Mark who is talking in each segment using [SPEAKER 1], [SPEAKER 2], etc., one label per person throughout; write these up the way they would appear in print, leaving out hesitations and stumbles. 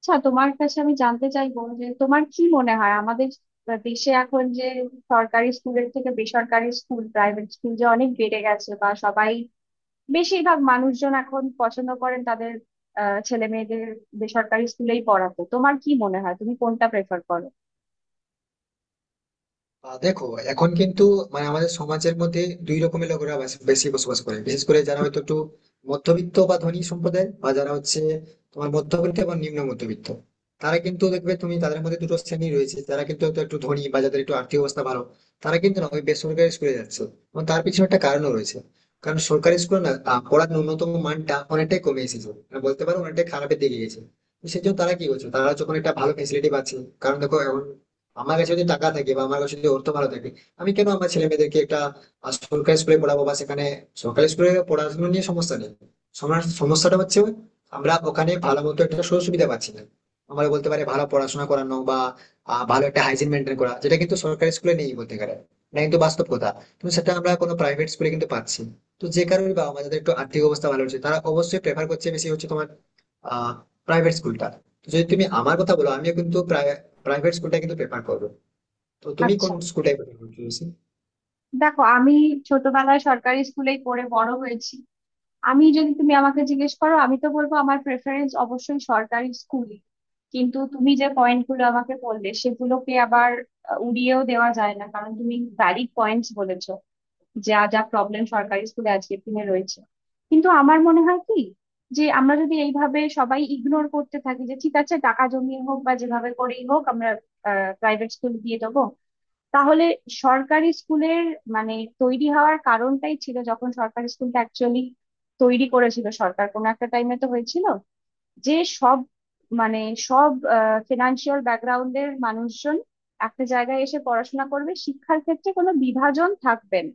[SPEAKER 1] আচ্ছা, তোমার কাছে আমি জানতে চাইবো যে তোমার কি মনে হয়, আমাদের দেশে এখন যে সরকারি স্কুলের থেকে বেসরকারি স্কুল, প্রাইভেট স্কুল যে অনেক বেড়ে গেছে, বা সবাই বেশিরভাগ মানুষজন এখন পছন্দ করেন তাদের ছেলে মেয়েদের বেসরকারি স্কুলেই পড়াতে, তোমার কি মনে হয়, তুমি কোনটা প্রেফার করো?
[SPEAKER 2] দেখো, এখন কিন্তু, মানে আমাদের সমাজের মধ্যে দুই রকমের লোকেরা বেশি বসবাস করে। বিশেষ করে যারা হয়তো একটু মধ্যবিত্ত বা ধনী সম্প্রদায়, বা যারা হচ্ছে তোমার মধ্যবিত্ত এবং নিম্ন মধ্যবিত্ত, তারা কিন্তু দেখবে তুমি তাদের মধ্যে দুটো শ্রেণী রয়েছে। যারা কিন্তু হয়তো একটু ধনী বা যাদের একটু আর্থিক অবস্থা ভালো, তারা কিন্তু না ওই বেসরকারি স্কুলে যাচ্ছে, এবং তার পিছনে একটা কারণও রয়েছে। কারণ সরকারি স্কুলে না পড়ার ন্যূনতম মানটা অনেকটাই কমে এসেছে, মানে বলতে পারো অনেকটাই খারাপের দিকে গেছে। তো সেই জন্য তারা কি করছে, তারা যখন একটা ভালো ফেসিলিটি পাচ্ছে, কারণ দেখো, এখন আমার কাছে যদি টাকা থাকে, বা আমার কাছে যদি অর্থ ভালো থাকে, আমি কেন আমার ছেলে মেয়েদেরকে একটা সরকারি স্কুলে পড়াবো, বা সেখানে সরকারি স্কুলে পড়াশোনা নিয়ে সমস্যা নেই। সমস্যাটা হচ্ছে ওই, আমরা ওখানে ভালো মতো একটা সুযোগ সুবিধা পাচ্ছি না। আমরা বলতে পারি ভালো পড়াশোনা করানো, বা ভালো একটা হাইজিন মেনটেন করা, যেটা কিন্তু সরকারি স্কুলে নেই বলতে গেলে। না, কিন্তু বাস্তব কথা। কিন্তু সেটা আমরা কোনো প্রাইভেট স্কুলে কিন্তু পাচ্ছি। তো যে কারণে বা আমাদের একটু আর্থিক অবস্থা ভালো হচ্ছে, তারা অবশ্যই প্রেফার করছে, বেশি হচ্ছে তোমার আহ প্রাইভেট স্কুলটা। তো যদি তুমি আমার কথা বলো, আমিও কিন্তু প্রায় প্রাইভেট স্কুলটা কিন্তু প্রেফার করবে। তো তুমি কোন
[SPEAKER 1] আচ্ছা,
[SPEAKER 2] স্কুলটাই?
[SPEAKER 1] দেখো, আমি ছোটবেলায় সরকারি স্কুলেই পড়ে বড় হয়েছি। আমি যদি, তুমি আমাকে জিজ্ঞেস করো, আমি তো বলবো আমার প্রেফারেন্স অবশ্যই সরকারি স্কুলই। কিন্তু তুমি যে পয়েন্ট গুলো আমাকে বললে সেগুলোকে আবার উড়িয়েও দেওয়া যায় না, কারণ তুমি ভ্যালিড পয়েন্টস বলেছো, যা যা প্রবলেম সরকারি স্কুলে আজকের দিনে রয়েছে। কিন্তু আমার মনে হয় কি, যে আমরা যদি এইভাবে সবাই ইগনোর করতে থাকি যে ঠিক আছে টাকা জমিয়ে হোক বা যেভাবে করেই হোক আমরা প্রাইভেট স্কুল দিয়ে দেবো, তাহলে সরকারি স্কুলের মানে তৈরি হওয়ার কারণটাই ছিল যখন সরকারি স্কুলটা অ্যাকচুয়ালি তৈরি করেছিল সরকার কোনো একটা টাইমে, তো হয়েছিল যে সব, মানে সব ফিনান্সিয়াল ব্যাকগ্রাউন্ডের মানুষজন একটা জায়গায় এসে পড়াশোনা করবে, শিক্ষার ক্ষেত্রে কোনো বিভাজন থাকবে না,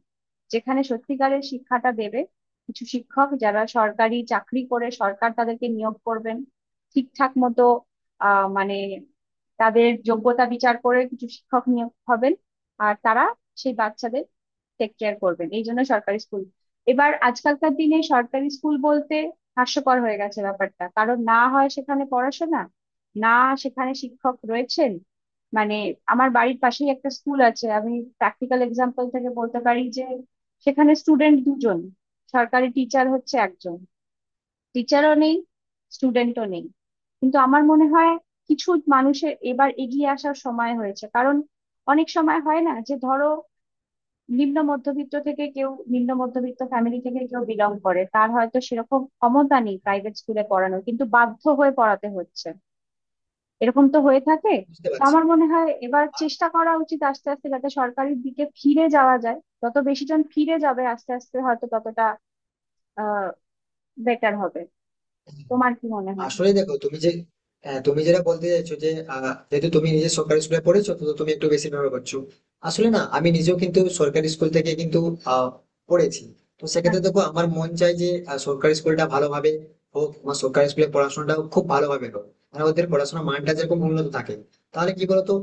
[SPEAKER 1] যেখানে সত্যিকারের শিক্ষাটা দেবে কিছু শিক্ষক যারা সরকারি চাকরি করে, সরকার তাদেরকে নিয়োগ করবেন ঠিকঠাক মতো, মানে তাদের যোগ্যতা বিচার করে কিছু শিক্ষক নিয়োগ হবেন আর তারা সেই বাচ্চাদের টেক কেয়ার করবেন, এই জন্য সরকারি স্কুল। এবার আজকালকার দিনে সরকারি স্কুল বলতে হাস্যকর হয়ে গেছে ব্যাপারটা, কারণ না হয় সেখানে পড়াশোনা, না সেখানে শিক্ষক রয়েছেন। মানে আমার বাড়ির পাশেই একটা স্কুল আছে, আমি প্র্যাকটিক্যাল এক্সাম্পল থেকে বলতে পারি যে সেখানে স্টুডেন্ট দুজন, সরকারি টিচার হচ্ছে একজন, টিচারও নেই স্টুডেন্টও নেই। কিন্তু আমার মনে হয় কিছু মানুষের এবার এগিয়ে আসার সময় হয়েছে, কারণ অনেক সময় হয় না যে ধরো নিম্ন মধ্যবিত্ত থেকে কেউ, নিম্ন মধ্যবিত্ত ফ্যামিলি থেকে কেউ বিলং করে, তার হয়তো সেরকম ক্ষমতা নেই প্রাইভেট স্কুলে পড়ানোর, কিন্তু বাধ্য হয়ে পড়াতে হচ্ছে। এরকম তো হয়ে থাকে।
[SPEAKER 2] বুঝতে
[SPEAKER 1] তো
[SPEAKER 2] পারছি।
[SPEAKER 1] আমার মনে হয় এবার চেষ্টা করা উচিত আস্তে আস্তে, যাতে সরকারির দিকে ফিরে যাওয়া যায়। যত বেশি জন ফিরে যাবে আস্তে আস্তে হয়তো ততটা আহ বেটার হবে। তোমার কি মনে হয়?
[SPEAKER 2] আসলে দেখো, তুমি যে তুমি যেটা বলতে চাইছো যে আহ, যেহেতু তুমি নিজে সরকারি স্কুলে পড়েছো, তো তুমি একটু বেশি নির্ভর করছো। আসলে না, আমি নিজেও কিন্তু সরকারি স্কুল থেকে কিন্তু আহ, পড়েছি। তো সেক্ষেত্রে
[SPEAKER 1] আচ্ছা।
[SPEAKER 2] দেখো, আমার মন চাই যে সরকারি স্কুলটা ভালোভাবে হোক, আমার সরকারি স্কুলে পড়াশোনাটাও খুব ভালোভাবে হোক, মানে ওদের পড়াশোনার মানটা যেরকম উন্নত থাকে। তাহলে কি বলতো,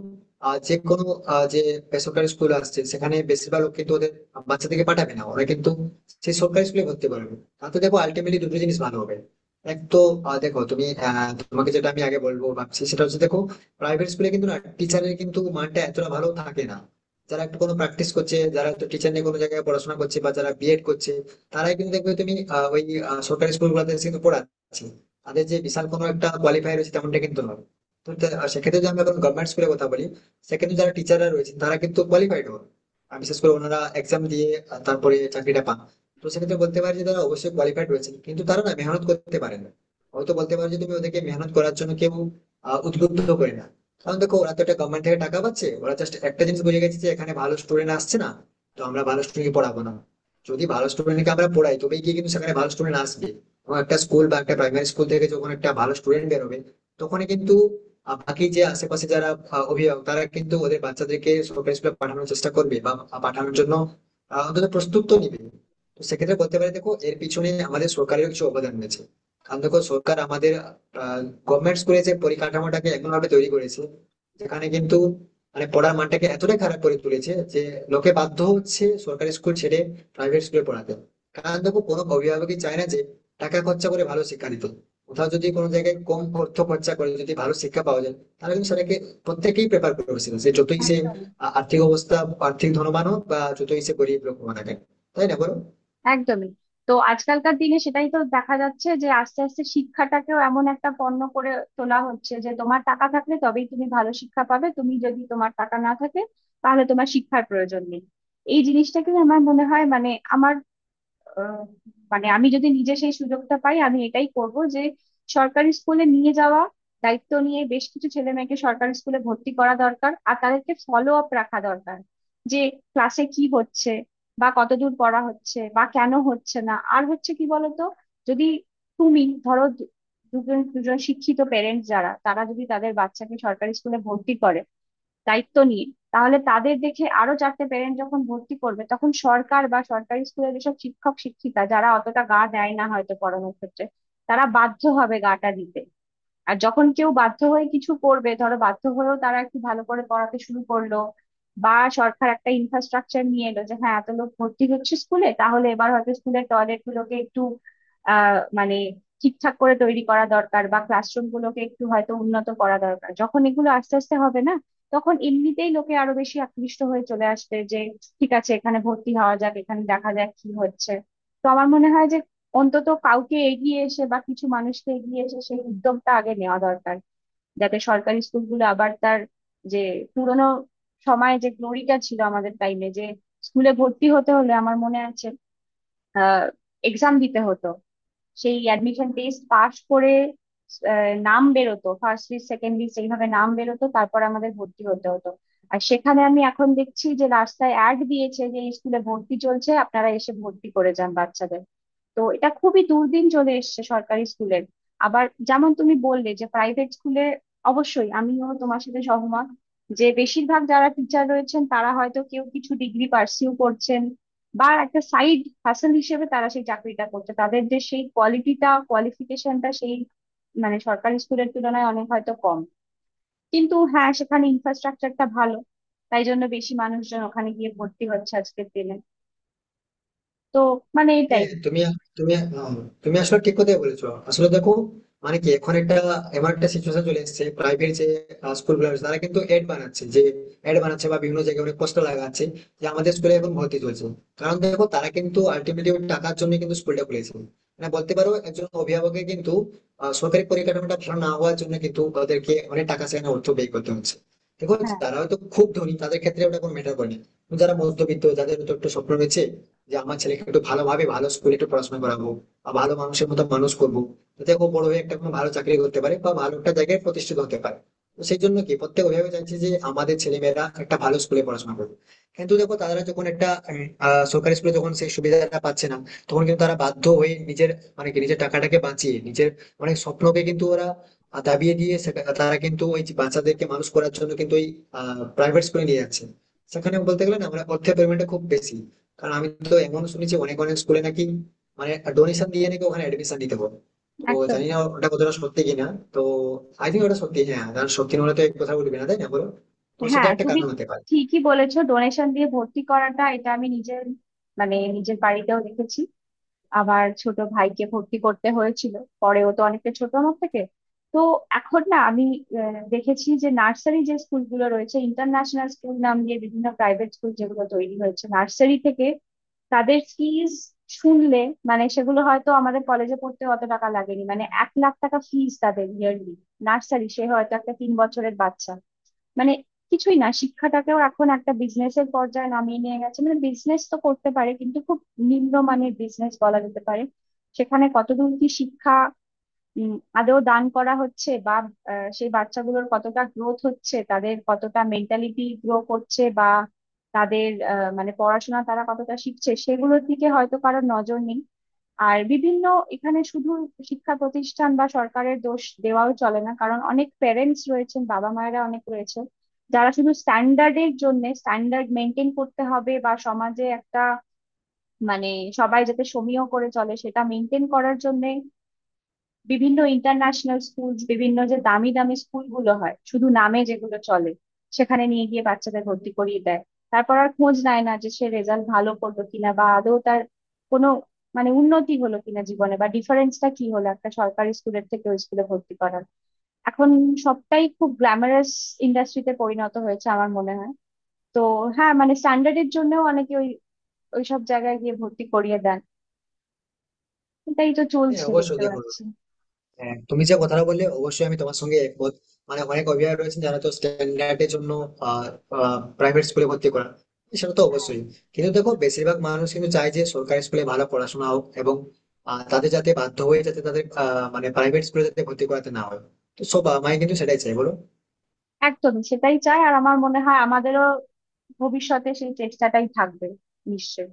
[SPEAKER 2] যে কোনো যে বেসরকারি স্কুল আসছে, সেখানে বেশিরভাগ লোক কিন্তু ওদের বাচ্চা থেকে পাঠাবে না, ওরা কিন্তু সেই সরকারি স্কুলে ভর্তি করবে। তাতে দেখো আলটিমেটলি দুটো জিনিস ভালো হবে। এক তো, দেখো তুমি, তোমাকে যেটা আমি আগে বলবো ভাবছি, সেটা হচ্ছে দেখো, প্রাইভেট স্কুলে কিন্তু না টিচারের কিন্তু মানটা এতটা ভালো থাকে না। যারা একটু কোনো প্র্যাকটিস করছে, যারা তো টিচার নিয়ে কোনো জায়গায় পড়াশোনা করছে, বা যারা বিএড করছে, তারাই কিন্তু দেখবে তুমি ওই সরকারি স্কুলগুলোতে কিন্তু পড়াচ্ছে। তাদের যে বিশাল কোনো একটা কোয়ালিফাই রয়েছে তেমনটা কিন্তু নয়। তো সেক্ষেত্রে যদি আমি এখন গভর্নমেন্ট স্কুলের কথা বলি, সেক্ষেত্রে যারা টিচাররা রয়েছেন তারা কিন্তু কোয়ালিফাইড হন। আর বিশেষ করে ওনারা এক্সাম দিয়ে তারপরে চাকরিটা পান। তো সেক্ষেত্রে বলতে পারি যে তারা অবশ্যই কোয়ালিফাইড রয়েছে, কিন্তু তারা না মেহনত করতে পারে না। হয়তো বলতে পারো যে তুমি ওদেরকে মেহনত করার জন্য কেউ উদ্বুদ্ধ করে না। কারণ দেখো, ওরা তো একটা গভর্নমেন্ট থেকে টাকা পাচ্ছে, ওরা জাস্ট একটা জিনিস বুঝে গেছে যে এখানে ভালো স্টুডেন্ট আসছে না, তো আমরা ভালো স্টুডেন্ট পড়াবো না। যদি ভালো স্টুডেন্টকে আমরা পড়াই, তবেই গিয়ে কিন্তু সেখানে ভালো স্টুডেন্ট আসবে। এবং একটা স্কুল বা একটা প্রাইমারি স্কুল থেকে যখন একটা ভালো স্টুডেন্ট বেরোবে, তখনই কিন্তু বাকি যে আশেপাশে যারা অভিভাবক, তারা কিন্তু ওদের বাচ্চাদেরকে সরকারি স্কুলে পাঠানোর চেষ্টা করবে, বা পাঠানোর জন্য অন্তত প্রস্তুত তো নিবে। তো সেক্ষেত্রে বলতে পারি, দেখো, এর পিছনে আমাদের সরকারের কিছু অবদান রয়েছে। কারণ দেখো, সরকার আমাদের গভর্নমেন্ট স্কুলে যে পরিকাঠামোটাকে এমন ভাবে তৈরি করেছে, যেখানে কিন্তু মানে পড়ার মানটাকে এতটাই খারাপ করে তুলেছে যে লোকে বাধ্য হচ্ছে সরকারি স্কুল ছেড়ে প্রাইভেট স্কুলে পড়াতে। কারণ দেখো, কোনো অভিভাবকই চায় না যে টাকা খরচা করে ভালো শিক্ষা দিতে। কোথাও যদি কোনো জায়গায় কম অর্থ খরচা করে যদি ভালো শিক্ষা পাওয়া যায়, তাহলে কিন্তু সেটাকে প্রত্যেকেই প্রেফার করে বসে। সে যতই সে
[SPEAKER 1] একদম।
[SPEAKER 2] আর্থিক অবস্থা আর্থিক ধনবান হোক, বা যতই সে গরিব লোক হোক না কেন। তাই না, বলো?
[SPEAKER 1] একদমই। তো আজকালকার দিনে সেটাই তো দেখা যাচ্ছে যে আস্তে আস্তে শিক্ষাটাকেও এমন একটা পণ্য করে তোলা হচ্ছে যে তোমার টাকা থাকলে তবেই তুমি ভালো শিক্ষা পাবে, তুমি যদি, তোমার টাকা না থাকে তাহলে তোমার শিক্ষার প্রয়োজন নেই। এই জিনিসটাকে আমার মনে হয়, মানে আমার আহ, মানে আমি যদি নিজে সেই সুযোগটা পাই আমি এটাই করব যে সরকারি স্কুলে নিয়ে যাওয়া, দায়িত্ব নিয়ে বেশ কিছু ছেলে মেয়েকে সরকারি স্কুলে ভর্তি করা দরকার, আর তাদেরকে ফলো আপ রাখা দরকার যে ক্লাসে কি হচ্ছে, বা কতদূর পড়া হচ্ছে, বা কেন হচ্ছে না। আর হচ্ছে কি বলতো, যদি তুমি ধরো দুজন দুজন শিক্ষিত পেরেন্টস যারা, তারা যদি তাদের বাচ্চাকে সরকারি স্কুলে ভর্তি করে দায়িত্ব নিয়ে, তাহলে তাদের দেখে আরো চারটে পেরেন্ট যখন ভর্তি করবে, তখন সরকার বা সরকারি স্কুলের যেসব শিক্ষক শিক্ষিকা যারা অতটা গা দেয় না হয়তো পড়ানোর ক্ষেত্রে, তারা বাধ্য হবে গাটা দিতে। আর যখন কেউ বাধ্য হয়ে কিছু করবে, ধরো বাধ্য হয়েও তারা একটু ভালো করে পড়াতে শুরু করলো, বা সরকার একটা ইনফ্রাস্ট্রাকচার নিয়ে এলো যে হ্যাঁ এত লোক ভর্তি হচ্ছে স্কুলে, তাহলে এবার হয়তো স্কুলের টয়লেট গুলোকে একটু মানে ঠিকঠাক করে তৈরি করা দরকার, বা ক্লাসরুম গুলোকে একটু হয়তো উন্নত করা দরকার। যখন এগুলো আস্তে আস্তে হবে না, তখন এমনিতেই লোকে আরো বেশি আকৃষ্ট হয়ে চলে আসবে যে ঠিক আছে এখানে ভর্তি হওয়া যাক, এখানে দেখা যাক কি হচ্ছে। তো আমার মনে হয় যে অন্তত কাউকে এগিয়ে এসে, বা কিছু মানুষকে এগিয়ে এসে সেই উদ্যোগটা আগে নেওয়া দরকার, যাতে সরকারি স্কুলগুলো আবার তার যে পুরোনো সময়ে যে গ্লোরিটা ছিল আমাদের টাইমে, যে স্কুলে ভর্তি হতে হলে আমার মনে আছে আহ এক্সাম দিতে হতো, সেই অ্যাডমিশন টেস্ট পাস করে নাম বেরোতো, ফার্স্ট লিস্ট সেকেন্ড লিস্ট এইভাবে নাম বেরোতো, তারপর আমাদের ভর্তি হতে হতো। আর সেখানে আমি এখন দেখছি যে রাস্তায় অ্যাড দিয়েছে যে স্কুলে ভর্তি চলছে, আপনারা এসে ভর্তি করে যান বাচ্চাদের। তো এটা খুবই দুর্দিন চলে এসেছে সরকারি স্কুলের। আবার যেমন তুমি বললে যে প্রাইভেট স্কুলে, অবশ্যই আমিও তোমার সাথে সহমত যে বেশিরভাগ যারা টিচার রয়েছেন, তারা হয়তো কেউ কিছু ডিগ্রি পার্সিউ করছেন, বা একটা সাইড হাসেল হিসেবে তারা সেই চাকরিটা করছে। তাদের যে সেই কোয়ালিটিটা, কোয়ালিফিকেশনটা সেই, মানে সরকারি স্কুলের তুলনায় অনেক হয়তো কম, কিন্তু হ্যাঁ সেখানে ইনফ্রাস্ট্রাকচারটা ভালো, তাই জন্য বেশি মানুষজন ওখানে গিয়ে ভর্তি হচ্ছে আজকের দিনে। তো মানে এটাই।
[SPEAKER 2] হ্যাঁ, তুমি তুমি আহ, তুমি আসলে ঠিক কথাই বলেছো। আসলে দেখো, মানে কি এখন একটা এমন একটা সিচুয়েশন চলে এসেছে, প্রাইভেট যে স্কুল গুলো আছে, তারা কিন্তু এড বানাচ্ছে বা বিভিন্ন জায়গায় অনেক পোস্টার লাগাচ্ছে যে আমাদের স্কুলে এখন ভর্তি চলছে। কারণ দেখো, তারা কিন্তু আলটিমেটলি টাকার জন্য কিন্তু স্কুলটা খুলেছে। মানে বলতে পারো, একজন অভিভাবকের কিন্তু সরকারি পরিকাঠামোটা ভালো না হওয়ার জন্য কিন্তু ওদেরকে অনেক টাকা সেখানে অর্থ ব্যয় করতে হচ্ছে। দেখো,
[SPEAKER 1] হ্যাঁ,
[SPEAKER 2] যারা হয়তো খুব ধনী, তাদের ক্ষেত্রে ওটা কোনো ম্যাটার করে না। কিন্তু যারা মধ্যবিত্ত, যাদের হয়তো একটু স্বপ্ন রয়েছে যে আমার ছেলেকে একটু ভালোভাবে ভালো স্কুলে একটু পড়াশোনা করাবো, বা ভালো মানুষের মতো মানুষ করবো, যাতে ও বড় হয়ে একটা কোনো ভালো চাকরি করতে পারে বা ভালো একটা জায়গায় প্রতিষ্ঠিত হতে পারে। তো সেই জন্য কি প্রত্যেক অভিভাবক চাইছে যে আমাদের ছেলেমেয়েরা একটা ভালো স্কুলে পড়াশোনা করবে। কিন্তু দেখো, তারা যখন একটা সরকারি স্কুলে যখন সেই সুবিধাটা পাচ্ছে না, তখন কিন্তু তারা বাধ্য হয়ে নিজের, মানে কি নিজের টাকাটাকে বাঁচিয়ে নিজের অনেক স্বপ্নকে কিন্তু ওরা দাবিয়ে দিয়ে তারা কিন্তু ওই যে বাচ্চাদেরকে মানুষ করার জন্য কিন্তু ওই প্রাইভেট স্কুলে নিয়ে যাচ্ছে। সেখানে বলতে গেলে না, আমরা অর্থের পরিমাণটা খুব বেশি। কারণ আমি তো এমন শুনেছি, অনেক অনেক স্কুলে নাকি, মানে ডোনেশন দিয়ে নাকি ওখানে এডমিশন দিতে হবে। তো
[SPEAKER 1] একদম।
[SPEAKER 2] জানি না ওটা কতটা সত্যি কিনা। তো আই থিঙ্ক ওটা সত্যি, হ্যাঁ, কারণ সত্যি না হলে তো এক কথা বলবি না, তাই না বলো? তো সেটা
[SPEAKER 1] হ্যাঁ,
[SPEAKER 2] একটা
[SPEAKER 1] তুমি
[SPEAKER 2] কারণ হতে পারে।
[SPEAKER 1] ঠিকই বলেছো, ডোনেশন দিয়ে ভর্তি করাটা এটা আমি নিজের, মানে নিজের বাড়িতেও দেখেছি। আবার ছোট ভাইকে ভর্তি করতে হয়েছিল পরে, ও তো অনেকটা ছোট আমার থেকে। তো এখন না আমি দেখেছি যে নার্সারি যে স্কুলগুলো রয়েছে, ইন্টারন্যাশনাল স্কুল নাম দিয়ে বিভিন্ন প্রাইভেট স্কুল যেগুলো তৈরি হয়েছে নার্সারি থেকে, তাদের ফিজ শুনলে, মানে সেগুলো হয়তো আমাদের কলেজে পড়তে অত টাকা লাগেনি, মানে 1,00,000 টাকা ফিজ তাদের ইয়ারলি। নার্সারি, সে হয়তো একটা 3 বছরের বাচ্চা, মানে কিছুই না। শিক্ষাটাকেও এখন একটা বিজনেসের পর্যায়ে নামিয়ে নিয়ে গেছে, মানে বিজনেস তো করতে পারে, কিন্তু খুব নিম্নমানের বিজনেস বলা যেতে পারে। সেখানে কতদূর কি শিক্ষা উম, আদৌ দান করা হচ্ছে, বা সেই বাচ্চাগুলোর কতটা গ্রোথ হচ্ছে, তাদের কতটা মেন্টালিটি গ্রো করছে, বা তাদের মানে পড়াশোনা তারা কতটা শিখছে, সেগুলোর দিকে হয়তো কারোর নজর নেই। আর বিভিন্ন এখানে শুধু শিক্ষা প্রতিষ্ঠান বা সরকারের দোষ দেওয়াও চলে না, কারণ অনেক প্যারেন্টস রয়েছেন, বাবা মায়েরা অনেক রয়েছে যারা শুধু স্ট্যান্ডার্ডের জন্য, স্ট্যান্ডার্ড মেনটেন করতে হবে বা সমাজে একটা, মানে সবাই যাতে সমীহ করে চলে সেটা মেনটেন করার জন্য বিভিন্ন ইন্টারন্যাশনাল স্কুলস, বিভিন্ন যে দামি দামি স্কুলগুলো হয় শুধু নামে যেগুলো চলে, সেখানে নিয়ে গিয়ে বাচ্চাদের ভর্তি করিয়ে দেয়। তারপর আর খোঁজ নেয় না যে সে রেজাল্ট ভালো করলো কিনা, বা আদৌ তার কোনো, মানে উন্নতি হলো কিনা জীবনে, বা ডিফারেন্সটা কি হলো একটা সরকারি স্কুলের থেকে ওই স্কুলে ভর্তি করার। এখন সবটাই খুব গ্ল্যামারাস ইন্ডাস্ট্রিতে পরিণত হয়েছে আমার মনে হয়। তো হ্যাঁ, মানে স্ট্যান্ডার্ডের জন্যও অনেকে ওই ওইসব জায়গায় গিয়ে ভর্তি করিয়ে দেন। এটাই তো
[SPEAKER 2] হ্যাঁ,
[SPEAKER 1] চলছে
[SPEAKER 2] অবশ্যই
[SPEAKER 1] দেখতে
[SPEAKER 2] দেখো,
[SPEAKER 1] পাচ্ছি।
[SPEAKER 2] হ্যাঁ, তুমি যে কথাটা বললে অবশ্যই আমি তোমার সঙ্গে একমত। মানে অনেক অভিভাবক রয়েছেন যারা তো স্ট্যান্ডার্ডের জন্য প্রাইভেট স্কুলে ভর্তি করা, সেটা তো অবশ্যই। কিন্তু দেখো, বেশিরভাগ মানুষ কিন্তু চায় যে সরকারি স্কুলে ভালো পড়াশোনা হোক, এবং তাদের যাতে বাধ্য হয়ে যাতে তাদের মানে প্রাইভেট স্কুলে যাতে ভর্তি করাতে না হয়। তো সব মাই কিন্তু সেটাই চাই, বলো?
[SPEAKER 1] একদমই সেটাই চাই, আর আমার মনে হয় আমাদেরও ভবিষ্যতে সেই চেষ্টাটাই থাকবে, নিশ্চয়ই।